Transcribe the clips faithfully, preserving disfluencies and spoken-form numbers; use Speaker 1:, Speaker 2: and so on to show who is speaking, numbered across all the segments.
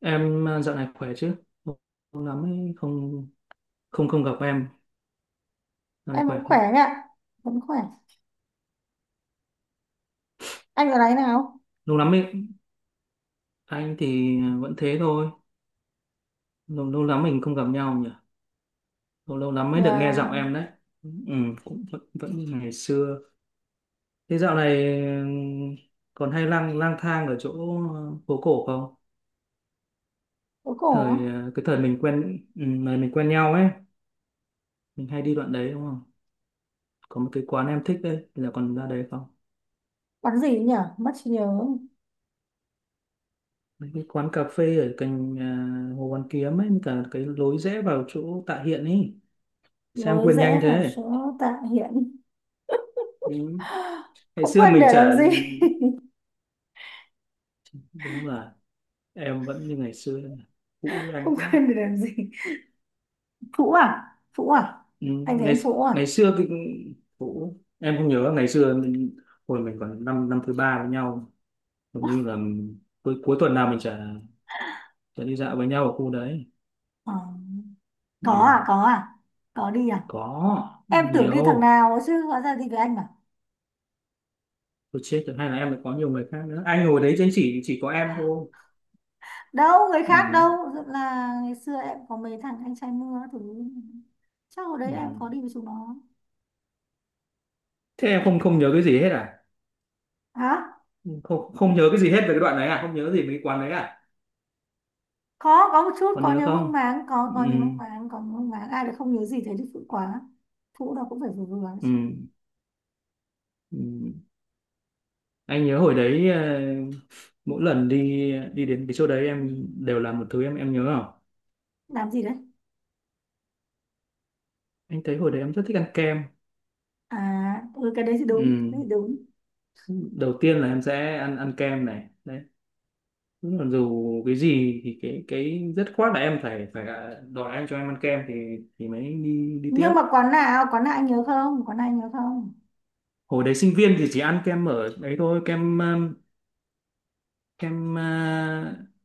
Speaker 1: Em à, dạo này khỏe chứ? Lâu lắm ấy, không không không gặp em. Dạo này
Speaker 2: Em
Speaker 1: khỏe
Speaker 2: vẫn
Speaker 1: không?
Speaker 2: khỏe anh ạ, vẫn khỏe. Anh ở đấy nào?
Speaker 1: Lâu lắm ấy, anh thì vẫn thế thôi. Lâu, lâu lắm mình không gặp nhau nhỉ? Lâu, lâu lắm mới được
Speaker 2: Nhà
Speaker 1: nghe giọng em đấy. Ừ, cũng vẫn, vẫn như ngày xưa. Thế dạo này ừm, còn hay lang lang thang ở chỗ, ờ, phố cổ không?
Speaker 2: phố cổ á?
Speaker 1: Thời ờ, cái thời mình quen, ừ, thời mình quen nhau ấy, mình hay đi đoạn đấy đúng không? Có một cái quán em thích đấy, là còn ra đấy không?
Speaker 2: Bán gì nhỉ? Mất trí nhớ.
Speaker 1: Mấy cái quán cà phê ở cạnh, à, Hồ Hoàn Kiếm ấy, cả cái lối rẽ vào chỗ Tạ Hiện ấy, sang
Speaker 2: Lối
Speaker 1: quên nhanh
Speaker 2: rẽ vào
Speaker 1: thế.
Speaker 2: số Tạ Hiện.
Speaker 1: Ừ. Ngày
Speaker 2: Không
Speaker 1: xưa
Speaker 2: quên
Speaker 1: mình
Speaker 2: để
Speaker 1: chả,
Speaker 2: làm gì?
Speaker 1: đúng là em vẫn như ngày xưa cũ với anh
Speaker 2: Không
Speaker 1: quá.
Speaker 2: quên để làm gì? Phũ à? Phũ à?
Speaker 1: Ừ.
Speaker 2: Anh thấy
Speaker 1: ngày
Speaker 2: em phũ à?
Speaker 1: ngày xưa cái cũ, em không nhớ ngày xưa mình, hồi mình còn năm năm thứ ba với nhau, hầu như là cuối cuối tuần nào mình chả chả đi dạo với nhau ở khu đấy.
Speaker 2: Ờ. Có
Speaker 1: Ừ.
Speaker 2: à? Có à? Có đi à?
Speaker 1: Có
Speaker 2: Em tưởng đi thằng
Speaker 1: nhiều,
Speaker 2: nào chứ hóa ra đi với anh à?
Speaker 1: tôi chết rồi hay là em lại có nhiều người khác nữa, anh ngồi đấy chứ chỉ chỉ có em thôi.
Speaker 2: Đâu, người khác đâu.
Speaker 1: Ừ,
Speaker 2: Thật là ngày xưa em có mấy thằng anh trai mưa các thứ. Chắc hồi đấy
Speaker 1: ừ.
Speaker 2: em có đi với chúng nó.
Speaker 1: Thế em không không nhớ cái gì hết à?
Speaker 2: Hả?
Speaker 1: Không không nhớ cái gì hết về cái đoạn đấy à? Không nhớ gì về cái quán đấy à?
Speaker 2: có có một chút,
Speaker 1: Còn
Speaker 2: có
Speaker 1: nhớ
Speaker 2: nhớ
Speaker 1: không?
Speaker 2: mang máng, có
Speaker 1: Ừ,
Speaker 2: có nhớ mang máng, có nhớ mang máng. Ai lại không nhớ gì, thế thì phụ quá. Phụ đâu cũng phải vừa vừa
Speaker 1: ừ,
Speaker 2: chứ.
Speaker 1: ừ. Anh nhớ hồi đấy, ờ, mỗi lần đi đi đến cái chỗ đấy em đều làm một thứ, em em nhớ không?
Speaker 2: Làm gì đấy
Speaker 1: Anh thấy hồi đấy em rất thích ăn kem.
Speaker 2: à? Ừ, cái đấy thì đúng,
Speaker 1: Ừ.
Speaker 2: cái đấy thì đúng.
Speaker 1: Đầu tiên là em sẽ ăn ăn kem này đấy. Đúng là dù cái gì thì cái cái dứt khoát là em phải phải đòi anh cho em ăn kem thì thì mới đi đi tiếp.
Speaker 2: Nhưng mà quán nào, quán nào anh nhớ không? Quán nào anh nhớ không?
Speaker 1: Hồi đấy sinh viên thì chỉ ăn kem ở đấy thôi. Kem, um, kem, à,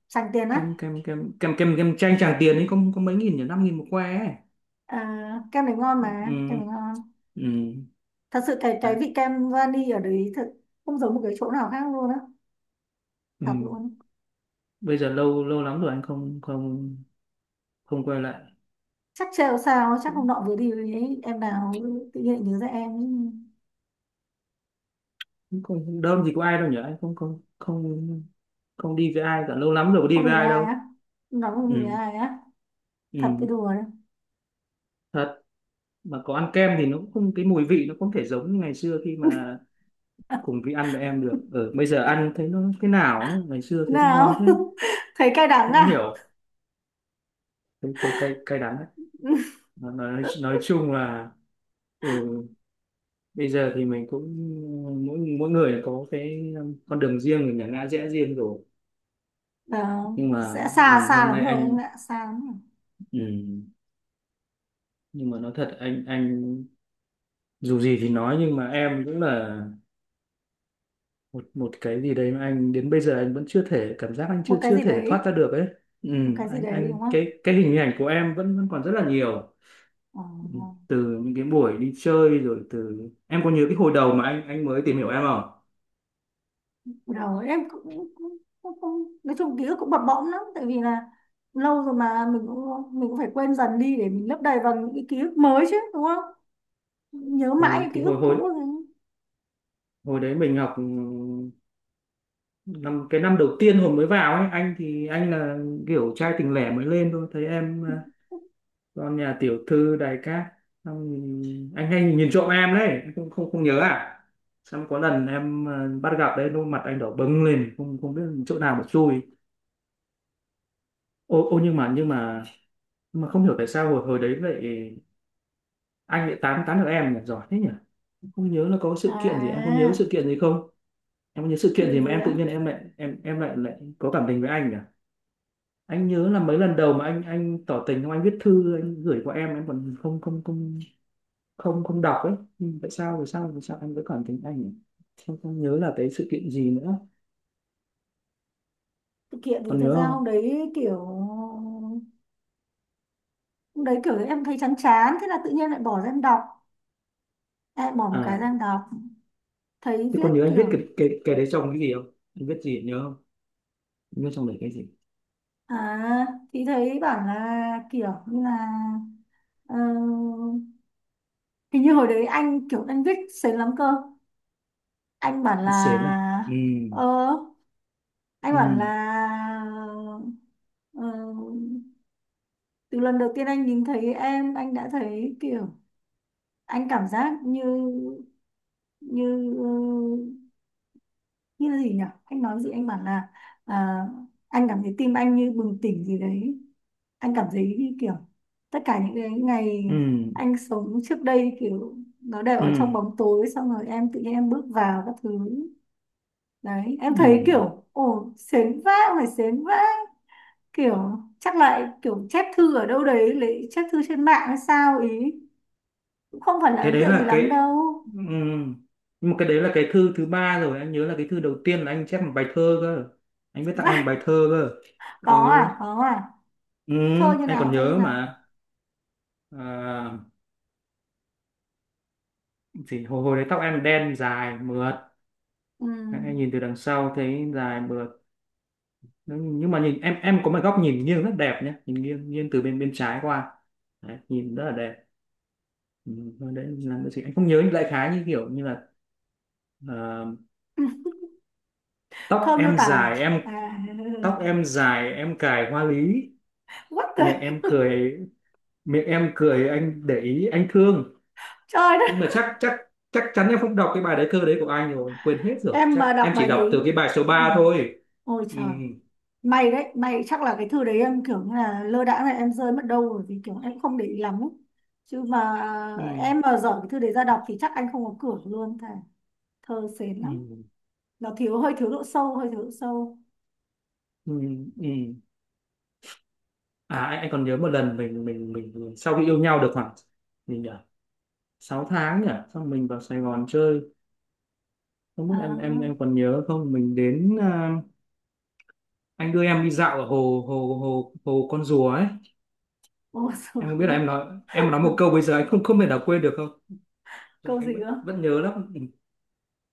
Speaker 2: Sành tiền
Speaker 1: kem
Speaker 2: á?
Speaker 1: kem kem kem kem kem chanh Tràng Tiền ấy, có có mấy nghìn nhỉ, năm nghìn một que ấy.
Speaker 2: À, kem này ngon mà, kem này
Speaker 1: Ừ,
Speaker 2: ngon.
Speaker 1: ừ,
Speaker 2: Thật sự cái cái
Speaker 1: đấy,
Speaker 2: vị kem vani ở đấy thật không giống một cái chỗ nào khác luôn á.
Speaker 1: ừ.
Speaker 2: Thật luôn.
Speaker 1: Bây giờ lâu lâu lắm rồi anh không không không quay lại.
Speaker 2: Chắc trêu sao, chắc hôm
Speaker 1: cũng
Speaker 2: nọ vừa đi với em nào tự nhiên lại nhớ ra em.
Speaker 1: cũng không đâu, gì có ai đâu nhỉ, anh không không không không đi với ai cả, lâu lắm rồi có
Speaker 2: Không
Speaker 1: đi
Speaker 2: đi
Speaker 1: với
Speaker 2: với
Speaker 1: ai
Speaker 2: ai
Speaker 1: đâu.
Speaker 2: á? Nói không đi với
Speaker 1: Ừ,
Speaker 2: ai á? Thật, cái
Speaker 1: ừ.
Speaker 2: đùa đấy.
Speaker 1: Thật, mà có ăn kem thì nó cũng không, cái mùi vị nó không thể giống như ngày xưa khi mà cùng vị ăn với em được. Ở bây giờ ăn thấy nó thế nào ấy. Ngày xưa thấy nó ngon
Speaker 2: Nào.
Speaker 1: thế,
Speaker 2: Thấy cay đắng
Speaker 1: không hiểu,
Speaker 2: à?
Speaker 1: thấy thấy cay cay đắng đấy. Nó- nói, nói chung là, ừ, bây giờ thì mình cũng mỗi mỗi người có cái um, con đường riêng, mình là ngã rẽ riêng rồi.
Speaker 2: Nào,
Speaker 1: Nhưng mà,
Speaker 2: sẽ
Speaker 1: ừ,
Speaker 2: xa, xa
Speaker 1: hôm
Speaker 2: lắm
Speaker 1: nay
Speaker 2: rồi em
Speaker 1: anh,
Speaker 2: ạ, xa lắm rồi.
Speaker 1: ừ, nhưng mà nói thật anh anh dù gì thì nói nhưng mà em cũng là một một cái gì đấy mà anh đến bây giờ anh vẫn chưa thể, cảm giác anh
Speaker 2: Một
Speaker 1: chưa
Speaker 2: cái
Speaker 1: chưa
Speaker 2: gì
Speaker 1: thể
Speaker 2: đấy.
Speaker 1: thoát ra được ấy. Ừ,
Speaker 2: Một cái gì
Speaker 1: anh
Speaker 2: đấy,
Speaker 1: anh
Speaker 2: đúng không?
Speaker 1: cái cái hình ảnh của em vẫn vẫn còn rất là nhiều.
Speaker 2: Ờ, ờ.
Speaker 1: Từ những cái buổi đi chơi, rồi từ, em có nhớ cái hồi đầu mà anh anh mới tìm hiểu em không?
Speaker 2: Đầu em cũng, cũng, cũng, cũng nói chung ký ức cũng bập bõm lắm, tại vì là lâu rồi mà mình cũng mình cũng phải quên dần đi để mình lấp đầy bằng những cái ký ức mới chứ, đúng không? Nhớ mãi
Speaker 1: Ừ,
Speaker 2: những ký
Speaker 1: thì
Speaker 2: ức
Speaker 1: hồi hồi
Speaker 2: cũ rồi.
Speaker 1: hồi đấy mình học, ừ, năm cái năm đầu tiên hồi mới vào ấy, anh thì anh là kiểu trai tình lẻ mới lên thôi, thấy em, à, con nhà tiểu thư đài cát, xong thì anh hay nhìn trộm em đấy, anh không không không nhớ à? Xong có lần em, à, bắt gặp đấy, đôi mặt anh đỏ bừng lên, không không biết chỗ nào mà chui. Ô ô nhưng mà, nhưng mà nhưng mà không hiểu tại sao hồi hồi đấy lại, anh lại tán tán được em nhỉ, giỏi thế nhỉ. Em không nhớ là có sự kiện gì, em có nhớ
Speaker 2: À,
Speaker 1: sự kiện gì không? Em có nhớ
Speaker 2: sự
Speaker 1: sự kiện gì
Speaker 2: kiện
Speaker 1: mà
Speaker 2: gì
Speaker 1: em tự
Speaker 2: á?
Speaker 1: nhiên em lại, em em lại lại có cảm tình với anh nhỉ? Anh nhớ là mấy lần đầu mà anh anh tỏ tình không, anh viết thư anh gửi qua em em còn không không không không không đọc ấy. Nhưng tại sao, tại sao tại sao anh vẫn cảm tình anh nhỉ? Không, không nhớ là cái sự kiện gì nữa.
Speaker 2: Sự kiện thì
Speaker 1: Còn
Speaker 2: thật
Speaker 1: nhớ
Speaker 2: ra
Speaker 1: không?
Speaker 2: hôm đấy kiểu hôm đấy kiểu em thấy chán chán, thế là tự nhiên lại bỏ ra em đọc, lại bỏ một cái
Speaker 1: à
Speaker 2: sang đọc, thấy
Speaker 1: thế
Speaker 2: viết
Speaker 1: còn nhớ anh viết
Speaker 2: kiểu.
Speaker 1: cái cái cái đấy trong cái gì không, anh viết gì nhớ không? Anh viết trong đấy cái gì?
Speaker 2: À, thì thấy bảo là kiểu như là, ờ, hình như hồi đấy anh kiểu anh viết sến lắm cơ. anh bảo
Speaker 1: Anh xến à?
Speaker 2: là
Speaker 1: Ừ.
Speaker 2: ờ anh
Speaker 1: Ừ.
Speaker 2: bảo là ờ, từ lần đầu tiên anh nhìn thấy em, anh đã thấy kiểu anh cảm giác như như ờ, như là gì nhỉ, anh nói gì, anh bảo là, à, anh cảm thấy tim anh như bừng tỉnh gì đấy. Anh cảm thấy như kiểu tất cả những cái ngày
Speaker 1: Ừ.
Speaker 2: anh sống trước đây kiểu nó đều
Speaker 1: Ừ.
Speaker 2: ở trong bóng tối, xong rồi em tự nhiên em bước vào các thứ. Đấy em
Speaker 1: Ừ. Ừ.
Speaker 2: thấy kiểu ồ sến vãi, phải sến vãi. Kiểu chắc lại kiểu chép thư ở đâu đấy, lấy chép thư trên mạng hay sao ý. Cũng không phải là
Speaker 1: Cái
Speaker 2: ấn
Speaker 1: đấy
Speaker 2: tượng gì
Speaker 1: là cái,
Speaker 2: lắm đâu.
Speaker 1: ừm, nhưng mà cái đấy là cái thư thứ ba rồi. Anh nhớ là cái thư đầu tiên là anh chép một bài thơ cơ, anh viết tặng em
Speaker 2: Vãi.
Speaker 1: một bài thơ cơ.
Speaker 2: Có
Speaker 1: Ừ,
Speaker 2: à? Có à?
Speaker 1: ừ.
Speaker 2: Thơ như
Speaker 1: Anh
Speaker 2: nào?
Speaker 1: còn
Speaker 2: Thơ như
Speaker 1: nhớ
Speaker 2: nào?
Speaker 1: mà. À, thì hồi hồi đấy tóc em đen dài mượt,
Speaker 2: Ừm,
Speaker 1: anh nhìn từ đằng sau thấy dài mượt. Nhưng mà nhìn em em có một góc nhìn nghiêng rất đẹp nhé, nhìn nghiêng, nghiêng từ bên bên trái qua, đấy, nhìn rất là đẹp. Ừ, thôi đấy là cái gì anh không nhớ, đại khái như kiểu như là, ờ, tóc
Speaker 2: thơ miêu
Speaker 1: em
Speaker 2: tả à?
Speaker 1: dài em
Speaker 2: À,
Speaker 1: tóc em dài em cài hoa lý,
Speaker 2: what the.
Speaker 1: miệng em cười miệng em cười anh để ý anh thương.
Speaker 2: Trời đất.
Speaker 1: Nhưng mà chắc chắc chắc chắn em không đọc cái bài đấy, thơ đấy của anh rồi, quên hết rồi,
Speaker 2: Em
Speaker 1: chắc
Speaker 2: mà đọc
Speaker 1: em
Speaker 2: bài
Speaker 1: chỉ đọc từ
Speaker 2: đấy.
Speaker 1: cái bài số
Speaker 2: Ồ,
Speaker 1: ba thôi.
Speaker 2: ôi
Speaker 1: Ừ,
Speaker 2: trời. May đấy, may chắc là cái thư đấy em kiểu như là lơ đãng này, em rơi mất đâu rồi vì kiểu em không để ý lắm ấy. Chứ mà
Speaker 1: ừ,
Speaker 2: em mà dở cái thư đấy ra đọc thì chắc anh không có cửa luôn, thề. Thơ sến lắm,
Speaker 1: ừ,
Speaker 2: nó thiếu, hơi thiếu độ sâu, hơi thiếu độ sâu.
Speaker 1: ừ, ừ. À, anh, anh còn nhớ một lần mình mình mình, mình sau khi yêu nhau được khoảng, mình nhỉ, sáu tháng nhỉ, xong mình vào Sài Gòn chơi, không biết
Speaker 2: À,
Speaker 1: em em em còn nhớ không. Mình đến, à, anh đưa em đi dạo ở hồ hồ hồ hồ con rùa ấy.
Speaker 2: ô sửa.
Speaker 1: Em không biết là em nói em nói một câu bây giờ anh không không thể nào quên được không? Trung
Speaker 2: Câu gì
Speaker 1: Anh vẫn
Speaker 2: cơ?
Speaker 1: vẫn nhớ lắm.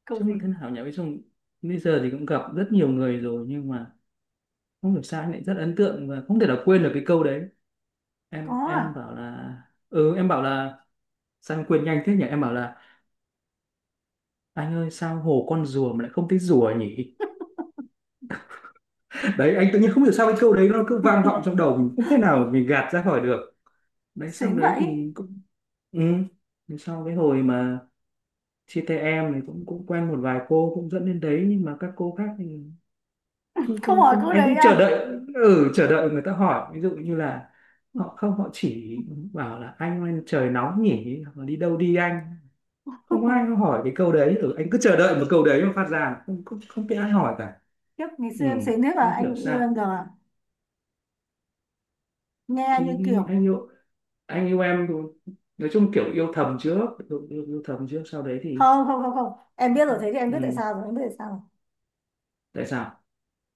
Speaker 2: Câu
Speaker 1: Chứ mà thế
Speaker 2: gì?
Speaker 1: nào nhỉ, với Trung bây giờ thì cũng gặp rất nhiều người rồi, nhưng mà không hiểu sao anh lại rất ấn tượng và không thể nào quên được cái câu đấy.
Speaker 2: Có
Speaker 1: Em em
Speaker 2: à?
Speaker 1: bảo là, ừ, em bảo là, sao em quên nhanh thế nhỉ, em bảo là anh ơi sao hồ con rùa mà lại không thấy rùa nhỉ. Đấy, anh tự nhiên không hiểu sao cái câu đấy nó cứ vang vọng trong đầu mình, không thể nào mình gạt ra khỏi được. Đấy, sau
Speaker 2: Sến
Speaker 1: đấy
Speaker 2: vậy?
Speaker 1: thì cũng, ừ, thì sau cái hồi mà chia tay em thì cũng cũng quen một vài cô, cũng dẫn đến đấy nhưng mà các cô khác thì không
Speaker 2: Không
Speaker 1: không
Speaker 2: hỏi
Speaker 1: không
Speaker 2: câu
Speaker 1: anh
Speaker 2: đấy
Speaker 1: cũng chờ
Speaker 2: à?
Speaker 1: đợi. Ừ, chờ đợi người ta hỏi, ví dụ như là họ không, họ chỉ bảo là anh ơi trời nóng nhỉ, hoặc là đi đâu đi anh. Không ai hỏi cái câu đấy. Ừ, anh cứ chờ đợi một câu đấy mà phát ra, không không không biết ai hỏi cả.
Speaker 2: Kiếp ngày
Speaker 1: Ừ,
Speaker 2: xưa em sến thế mà
Speaker 1: không
Speaker 2: anh
Speaker 1: hiểu
Speaker 2: cũng yêu
Speaker 1: sao,
Speaker 2: em giờ à? Nghe như
Speaker 1: thì
Speaker 2: kiểu.
Speaker 1: anh yêu, anh yêu em thì, nói chung kiểu yêu thầm trước, yêu, yêu, yêu thầm trước sau đấy thì,
Speaker 2: Không, không, không, không, em biết rồi, thế thì em biết tại
Speaker 1: ừ,
Speaker 2: sao rồi, em biết tại sao rồi.
Speaker 1: tại sao.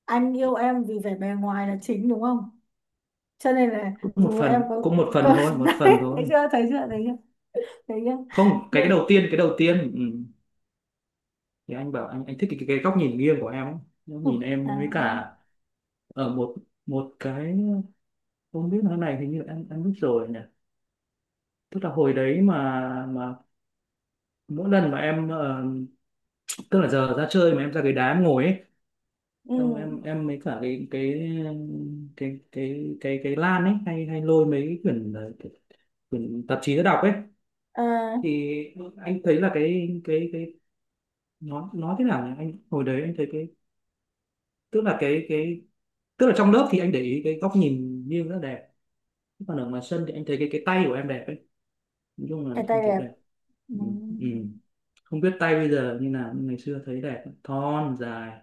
Speaker 2: Anh yêu em vì vẻ bề ngoài là chính, đúng không? Cho nên là
Speaker 1: Cũng một
Speaker 2: dù em
Speaker 1: phần,
Speaker 2: có
Speaker 1: cũng một phần
Speaker 2: có
Speaker 1: thôi, một
Speaker 2: đấy.
Speaker 1: phần
Speaker 2: Thấy
Speaker 1: thôi.
Speaker 2: chưa, thấy chưa, thấy chưa, thấy chưa?
Speaker 1: Không, cái
Speaker 2: Đây.
Speaker 1: đầu tiên, cái đầu tiên ừ, thì anh bảo anh anh thích cái, cái, cái góc nhìn nghiêng của em ấy. Góc nhìn em với
Speaker 2: À,
Speaker 1: cả ở một, một cái, không biết nói này hình như em em biết rồi nhỉ. Tức là hồi đấy mà mà mỗi lần mà em, ờ, tức là giờ ra chơi mà em ra cái đá em ngồi ấy,
Speaker 2: ừ.
Speaker 1: xong em em mấy cả cái cái cái cái cái cái lan ấy, hay hay lôi mấy cái quyển, ờ, quyển tạp chí ra đọc ấy.
Speaker 2: À,
Speaker 1: Thì anh thấy là cái cái cái nó nó thế nào nhỉ, anh hồi đấy anh thấy cái, tức là cái cái tức là trong lớp thì anh để ý cái góc nhìn nghiêng rất là đẹp, còn ở ngoài sân thì anh thấy cái cái tay của em đẹp ấy, nói chung là
Speaker 2: cái
Speaker 1: anh
Speaker 2: tay
Speaker 1: thấy
Speaker 2: đẹp.
Speaker 1: đẹp.
Speaker 2: Ừ.
Speaker 1: Ừ. Ừ. Không biết tay bây giờ như nào nhưng ngày xưa thấy đẹp thon dài,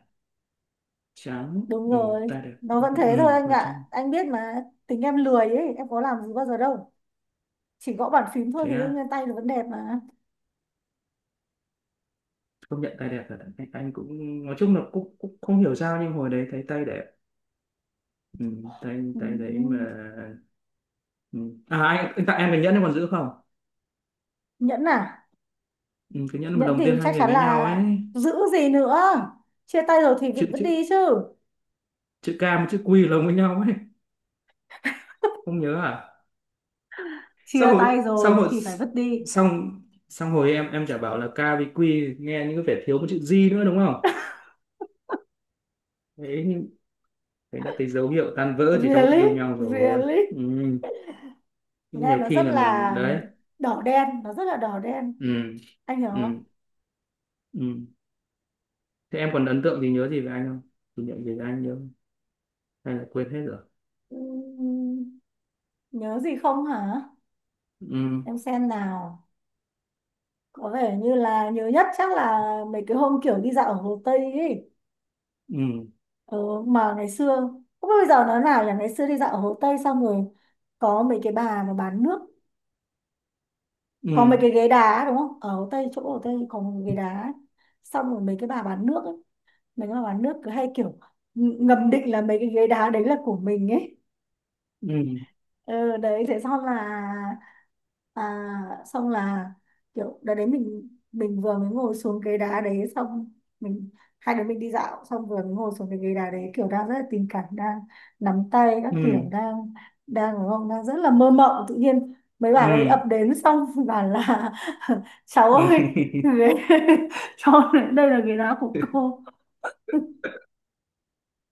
Speaker 1: trắng.
Speaker 2: Đúng
Speaker 1: Ừ.
Speaker 2: rồi.
Speaker 1: Tay đẹp.
Speaker 2: Nó vẫn
Speaker 1: Ừ.
Speaker 2: thế thôi anh
Speaker 1: Nói chung,
Speaker 2: ạ, anh biết mà, tính em lười ấy, em có làm gì bao giờ đâu, chỉ gõ bàn phím thôi,
Speaker 1: thế
Speaker 2: thì đương
Speaker 1: à,
Speaker 2: nhiên tay nó vẫn đẹp mà.
Speaker 1: công nhận tay đẹp thật. Anh, anh cũng, nói chung là cũng, cũng không hiểu sao nhưng hồi đấy thấy tay đẹp. Ừ. tay tay đấy mà.
Speaker 2: Ừ.
Speaker 1: Ừ. À, anh, anh tặng em cái nhẫn em còn giữ không?
Speaker 2: Nhẫn à?
Speaker 1: Ừ, cái nhẫn mà
Speaker 2: Nhẫn
Speaker 1: đồng tiền
Speaker 2: thì
Speaker 1: hai
Speaker 2: chắc
Speaker 1: người
Speaker 2: chắn
Speaker 1: với nhau
Speaker 2: là
Speaker 1: ấy.
Speaker 2: giữ gì nữa, chia tay rồi thì
Speaker 1: Chữ
Speaker 2: vẫn vứt
Speaker 1: chữ
Speaker 2: đi chứ.
Speaker 1: chữ ca với chữ quy lồng với nhau ấy, không nhớ à? xong
Speaker 2: Chia
Speaker 1: hồi
Speaker 2: tay
Speaker 1: xong
Speaker 2: rồi
Speaker 1: hồi
Speaker 2: thì phải vứt đi.
Speaker 1: xong, xong hồi em em chả bảo là ca với quy nghe như có vẻ thiếu một chữ giê nữa đúng không. Đấy nhưng, đấy đã thấy dấu hiệu tan vỡ chỉ trong lúc yêu
Speaker 2: Really,
Speaker 1: nhau rồi.
Speaker 2: really.
Speaker 1: Ừ, nhưng
Speaker 2: Nghe
Speaker 1: nhiều
Speaker 2: nó
Speaker 1: khi
Speaker 2: rất
Speaker 1: là mình
Speaker 2: là
Speaker 1: đấy.
Speaker 2: đỏ đen, nó rất là đỏ đen,
Speaker 1: Ừ.
Speaker 2: anh hiểu không?
Speaker 1: Ừ. Ừ. Thế em còn ấn tượng gì, nhớ gì về anh không, kỷ niệm gì về anh nhớ không? Hay là quên hết rồi?
Speaker 2: Ừm, nhớ gì không hả?
Speaker 1: Ừ.
Speaker 2: Em xem nào. Có vẻ như là nhớ nhất chắc là mấy cái hôm kiểu đi dạo ở Hồ Tây ấy.
Speaker 1: Ừ.
Speaker 2: Ừ, mà ngày xưa không biết bây giờ nó nào, là ngày xưa đi dạo ở Hồ Tây xong rồi có mấy cái bà mà bán nước,
Speaker 1: Ừ.
Speaker 2: có mấy cái ghế đá đúng không, ở Hồ Tây chỗ Hồ Tây có một cái ghế đá ấy. Xong rồi mấy cái bà bán nước ấy, mình là bán nước cứ hay kiểu, ừ, ngầm định là mấy cái ghế đá đấy là của mình ấy.
Speaker 1: Ừ.
Speaker 2: Ừ, đấy thế xong là, à, xong là kiểu đợt đấy mình mình vừa mới ngồi xuống ghế đá đấy xong, mình, hai đứa mình đi dạo xong vừa mới ngồi xuống cái ghế đá đấy kiểu đang rất là tình cảm, đang nắm tay các kiểu,
Speaker 1: Ừ.
Speaker 2: đang, đang đúng không, đang rất là mơ mộng, tự nhiên mấy bà đấy
Speaker 1: Ừ.
Speaker 2: ập đến xong bảo là, cháu
Speaker 1: Ừ.
Speaker 2: ơi, ghế- cho đây là ghế đá của cô.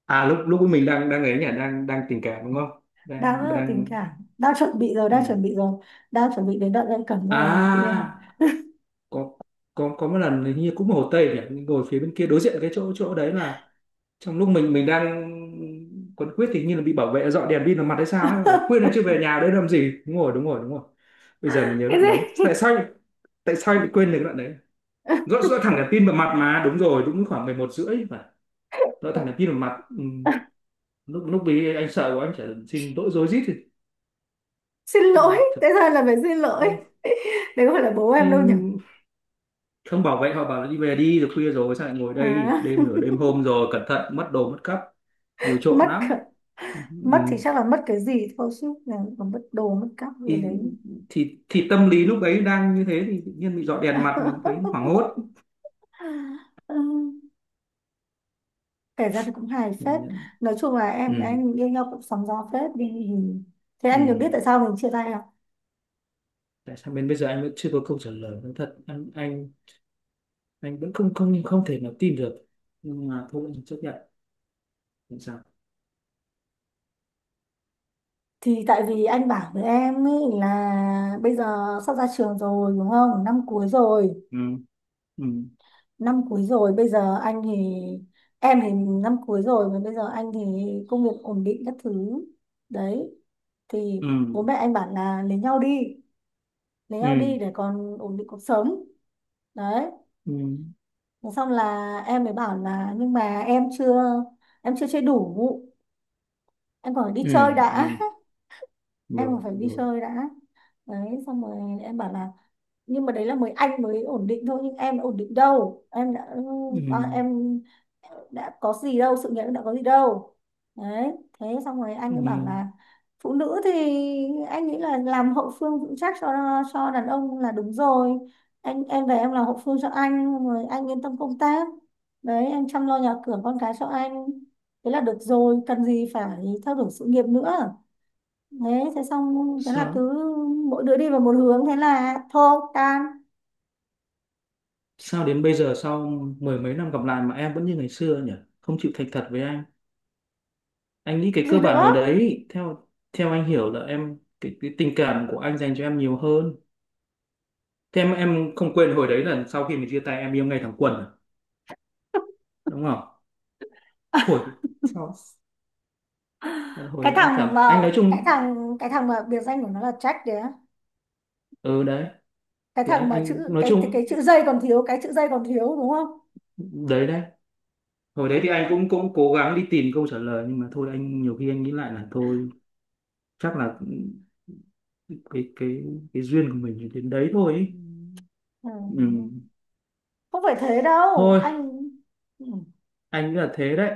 Speaker 1: à lúc lúc mình đang, đang ấy nhỉ, đang đang tình cảm đúng không,
Speaker 2: Đang
Speaker 1: đang,
Speaker 2: rất là tình
Speaker 1: đang
Speaker 2: cảm, đang chuẩn bị rồi,
Speaker 1: ừ.
Speaker 2: đang chuẩn bị rồi, đang chuẩn bị đến đoạn ân cần rồi chị em.
Speaker 1: À, có có có một lần hình như cũng Hồ Tây nhỉ, ngồi phía bên kia đối diện cái chỗ chỗ đấy là, trong lúc mình mình đang quấn quýt thì hình như là bị bảo vệ dọn đèn pin vào mặt hay sao ấy, bảo là, khuyên là chưa về nhà đấy làm gì, đúng rồi, đúng rồi, đúng rồi. Bây giờ mình nhớ
Speaker 2: Cái
Speaker 1: đoạn đấy
Speaker 2: gì?
Speaker 1: tại sao, tại sao anh lại quên được cái đoạn đấy, dọn dọn thẳng đèn pin vào mặt mà, đúng rồi, đúng, khoảng mười một rưỡi phải, dọn thẳng đèn pin vào mặt. Ừ. lúc lúc ấy anh sợ quá anh chỉ xin lỗi rối rít thì,
Speaker 2: Xin lỗi.
Speaker 1: thật.
Speaker 2: Thế ra là phải xin lỗi. Đấy không phải là bố
Speaker 1: Ừ.
Speaker 2: em đâu nhỉ?
Speaker 1: Không, bảo vệ họ bảo là đi về đi rồi, khuya rồi sao lại ngồi đây
Speaker 2: À,
Speaker 1: đêm, nửa đêm hôm rồi cẩn thận mất đồ mất cắp, nhiều trộm
Speaker 2: mất
Speaker 1: lắm.
Speaker 2: cả-
Speaker 1: Ừ,
Speaker 2: mất thì chắc là mất cái gì thôi chứ là còn mất đồ mất cắp gì
Speaker 1: thì,
Speaker 2: đấy.
Speaker 1: thì thì tâm lý lúc ấy đang như thế thì tự nhiên bị dọi đèn mặt mình thấy hoảng hốt.
Speaker 2: Ừ, kể ra thì cũng hài phết. Nói chung là em
Speaker 1: Ừ.
Speaker 2: em yêu nhau cũng sóng gió phết đi. Thế
Speaker 1: Ừ.
Speaker 2: anh được biết tại sao mình chia tay à?
Speaker 1: Tại sao bên bây giờ anh vẫn chưa có câu trả lời, nói thật anh anh anh vẫn không không không thể nào tin được, nhưng mà thôi anh chấp nhận, không sao.
Speaker 2: Thì tại vì anh bảo với em ý là bây giờ sắp ra trường rồi đúng không, năm cuối rồi,
Speaker 1: Ừ. Ừ.
Speaker 2: năm cuối rồi bây giờ anh thì, em thì, năm cuối rồi mà bây giờ anh thì công việc ổn định các thứ, đấy thì
Speaker 1: Ừ.
Speaker 2: bố mẹ anh bảo là lấy nhau đi, lấy nhau
Speaker 1: Ừ.
Speaker 2: đi để còn ổn định cuộc sống, đấy.
Speaker 1: Ừ.
Speaker 2: Thế xong là em mới bảo là nhưng mà em chưa em chưa chơi đủ, em còn phải đi
Speaker 1: Ừ.
Speaker 2: chơi đã.
Speaker 1: Ừ.
Speaker 2: Em còn
Speaker 1: Rồi,
Speaker 2: phải đi
Speaker 1: rồi.
Speaker 2: chơi đã, đấy xong rồi em bảo là nhưng mà đấy là mới anh mới ổn định thôi, nhưng em đã ổn định đâu, em đã,
Speaker 1: Ừ.
Speaker 2: à, em đã có gì đâu, sự nghiệp đã có gì đâu, đấy. Thế xong rồi anh
Speaker 1: Ừ.
Speaker 2: ấy bảo là phụ nữ thì anh nghĩ là làm hậu phương vững chắc cho cho đàn ông là đúng rồi, anh em về em làm hậu phương cho anh xong rồi anh yên tâm công tác, đấy em chăm lo nhà cửa con cái cho anh thế là được rồi, cần gì phải theo đuổi sự nghiệp nữa, đấy thế xong thế là
Speaker 1: sao
Speaker 2: cứ mỗi đứa đi vào một hướng, thế là thôi, tan.
Speaker 1: sao đến bây giờ sau mười mấy năm gặp lại mà em vẫn như ngày xưa nhỉ, không chịu thành thật với anh. Anh nghĩ cái
Speaker 2: Gì
Speaker 1: cơ
Speaker 2: nữa?
Speaker 1: bản hồi đấy theo, theo anh hiểu là em, cái, cái tình cảm của anh dành cho em nhiều hơn. Thế em em không quên hồi đấy là sau khi mình chia tay em yêu ngay thẳng quần à? Đúng không? Thổi. Sao hồi
Speaker 2: Cái
Speaker 1: đấy anh cảm
Speaker 2: thằng mà,
Speaker 1: anh nói
Speaker 2: cái
Speaker 1: chung.
Speaker 2: thằng cái thằng mà biệt danh của nó là Jack đấy á.
Speaker 1: Ừ. Đấy
Speaker 2: Cái
Speaker 1: thì
Speaker 2: thằng
Speaker 1: anh
Speaker 2: mà
Speaker 1: anh
Speaker 2: chữ,
Speaker 1: nói
Speaker 2: cái cái
Speaker 1: chung,
Speaker 2: chữ dây còn thiếu, cái chữ dây còn thiếu, đúng không?
Speaker 1: đấy đấy. Hồi đấy thì anh cũng cũng cố gắng đi tìm câu trả lời nhưng mà thôi anh nhiều khi anh nghĩ lại là thôi, chắc là cái cái cái duyên của mình đến đấy thôi
Speaker 2: Ừ.
Speaker 1: ý.
Speaker 2: Ừ.
Speaker 1: Ừ.
Speaker 2: Không phải thế đâu
Speaker 1: Thôi
Speaker 2: anh. Ừ.
Speaker 1: anh nghĩ là thế đấy,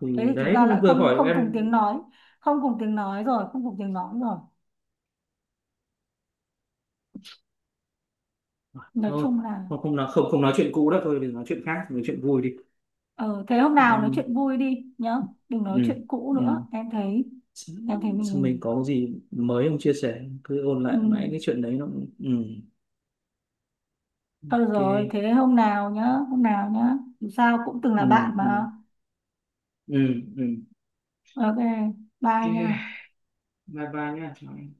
Speaker 1: thì,
Speaker 2: Thế thì
Speaker 1: đấy,
Speaker 2: chúng ta
Speaker 1: em
Speaker 2: lại
Speaker 1: vừa
Speaker 2: không
Speaker 1: hỏi
Speaker 2: không cùng
Speaker 1: em.
Speaker 2: tiếng nói, không cùng tiếng nói rồi, không cùng tiếng nói rồi, nói
Speaker 1: Thôi
Speaker 2: chung là.
Speaker 1: không không nói không không nói chuyện cũ đó thôi, đừng nói chuyện khác, nói chuyện vui đi
Speaker 2: Ờ, thế hôm nào nói
Speaker 1: em.
Speaker 2: chuyện vui đi nhá, đừng nói
Speaker 1: Ừ.
Speaker 2: chuyện cũ
Speaker 1: Ừ.
Speaker 2: nữa em thấy
Speaker 1: Sao
Speaker 2: em thấy
Speaker 1: sao mình
Speaker 2: mình,
Speaker 1: có gì mới không chia sẻ, cứ ôn
Speaker 2: ừ.
Speaker 1: lại mãi cái chuyện đấy nó cũng- ừ.
Speaker 2: Thôi được rồi,
Speaker 1: OK.
Speaker 2: thế hôm nào nhá, hôm nào nhá, dù sao cũng từng là
Speaker 1: Ừ.
Speaker 2: bạn
Speaker 1: Ừ.
Speaker 2: mà.
Speaker 1: Ừ. Ừ.
Speaker 2: OK, bye
Speaker 1: OK.
Speaker 2: nha.
Speaker 1: Bye bye nha, chào em.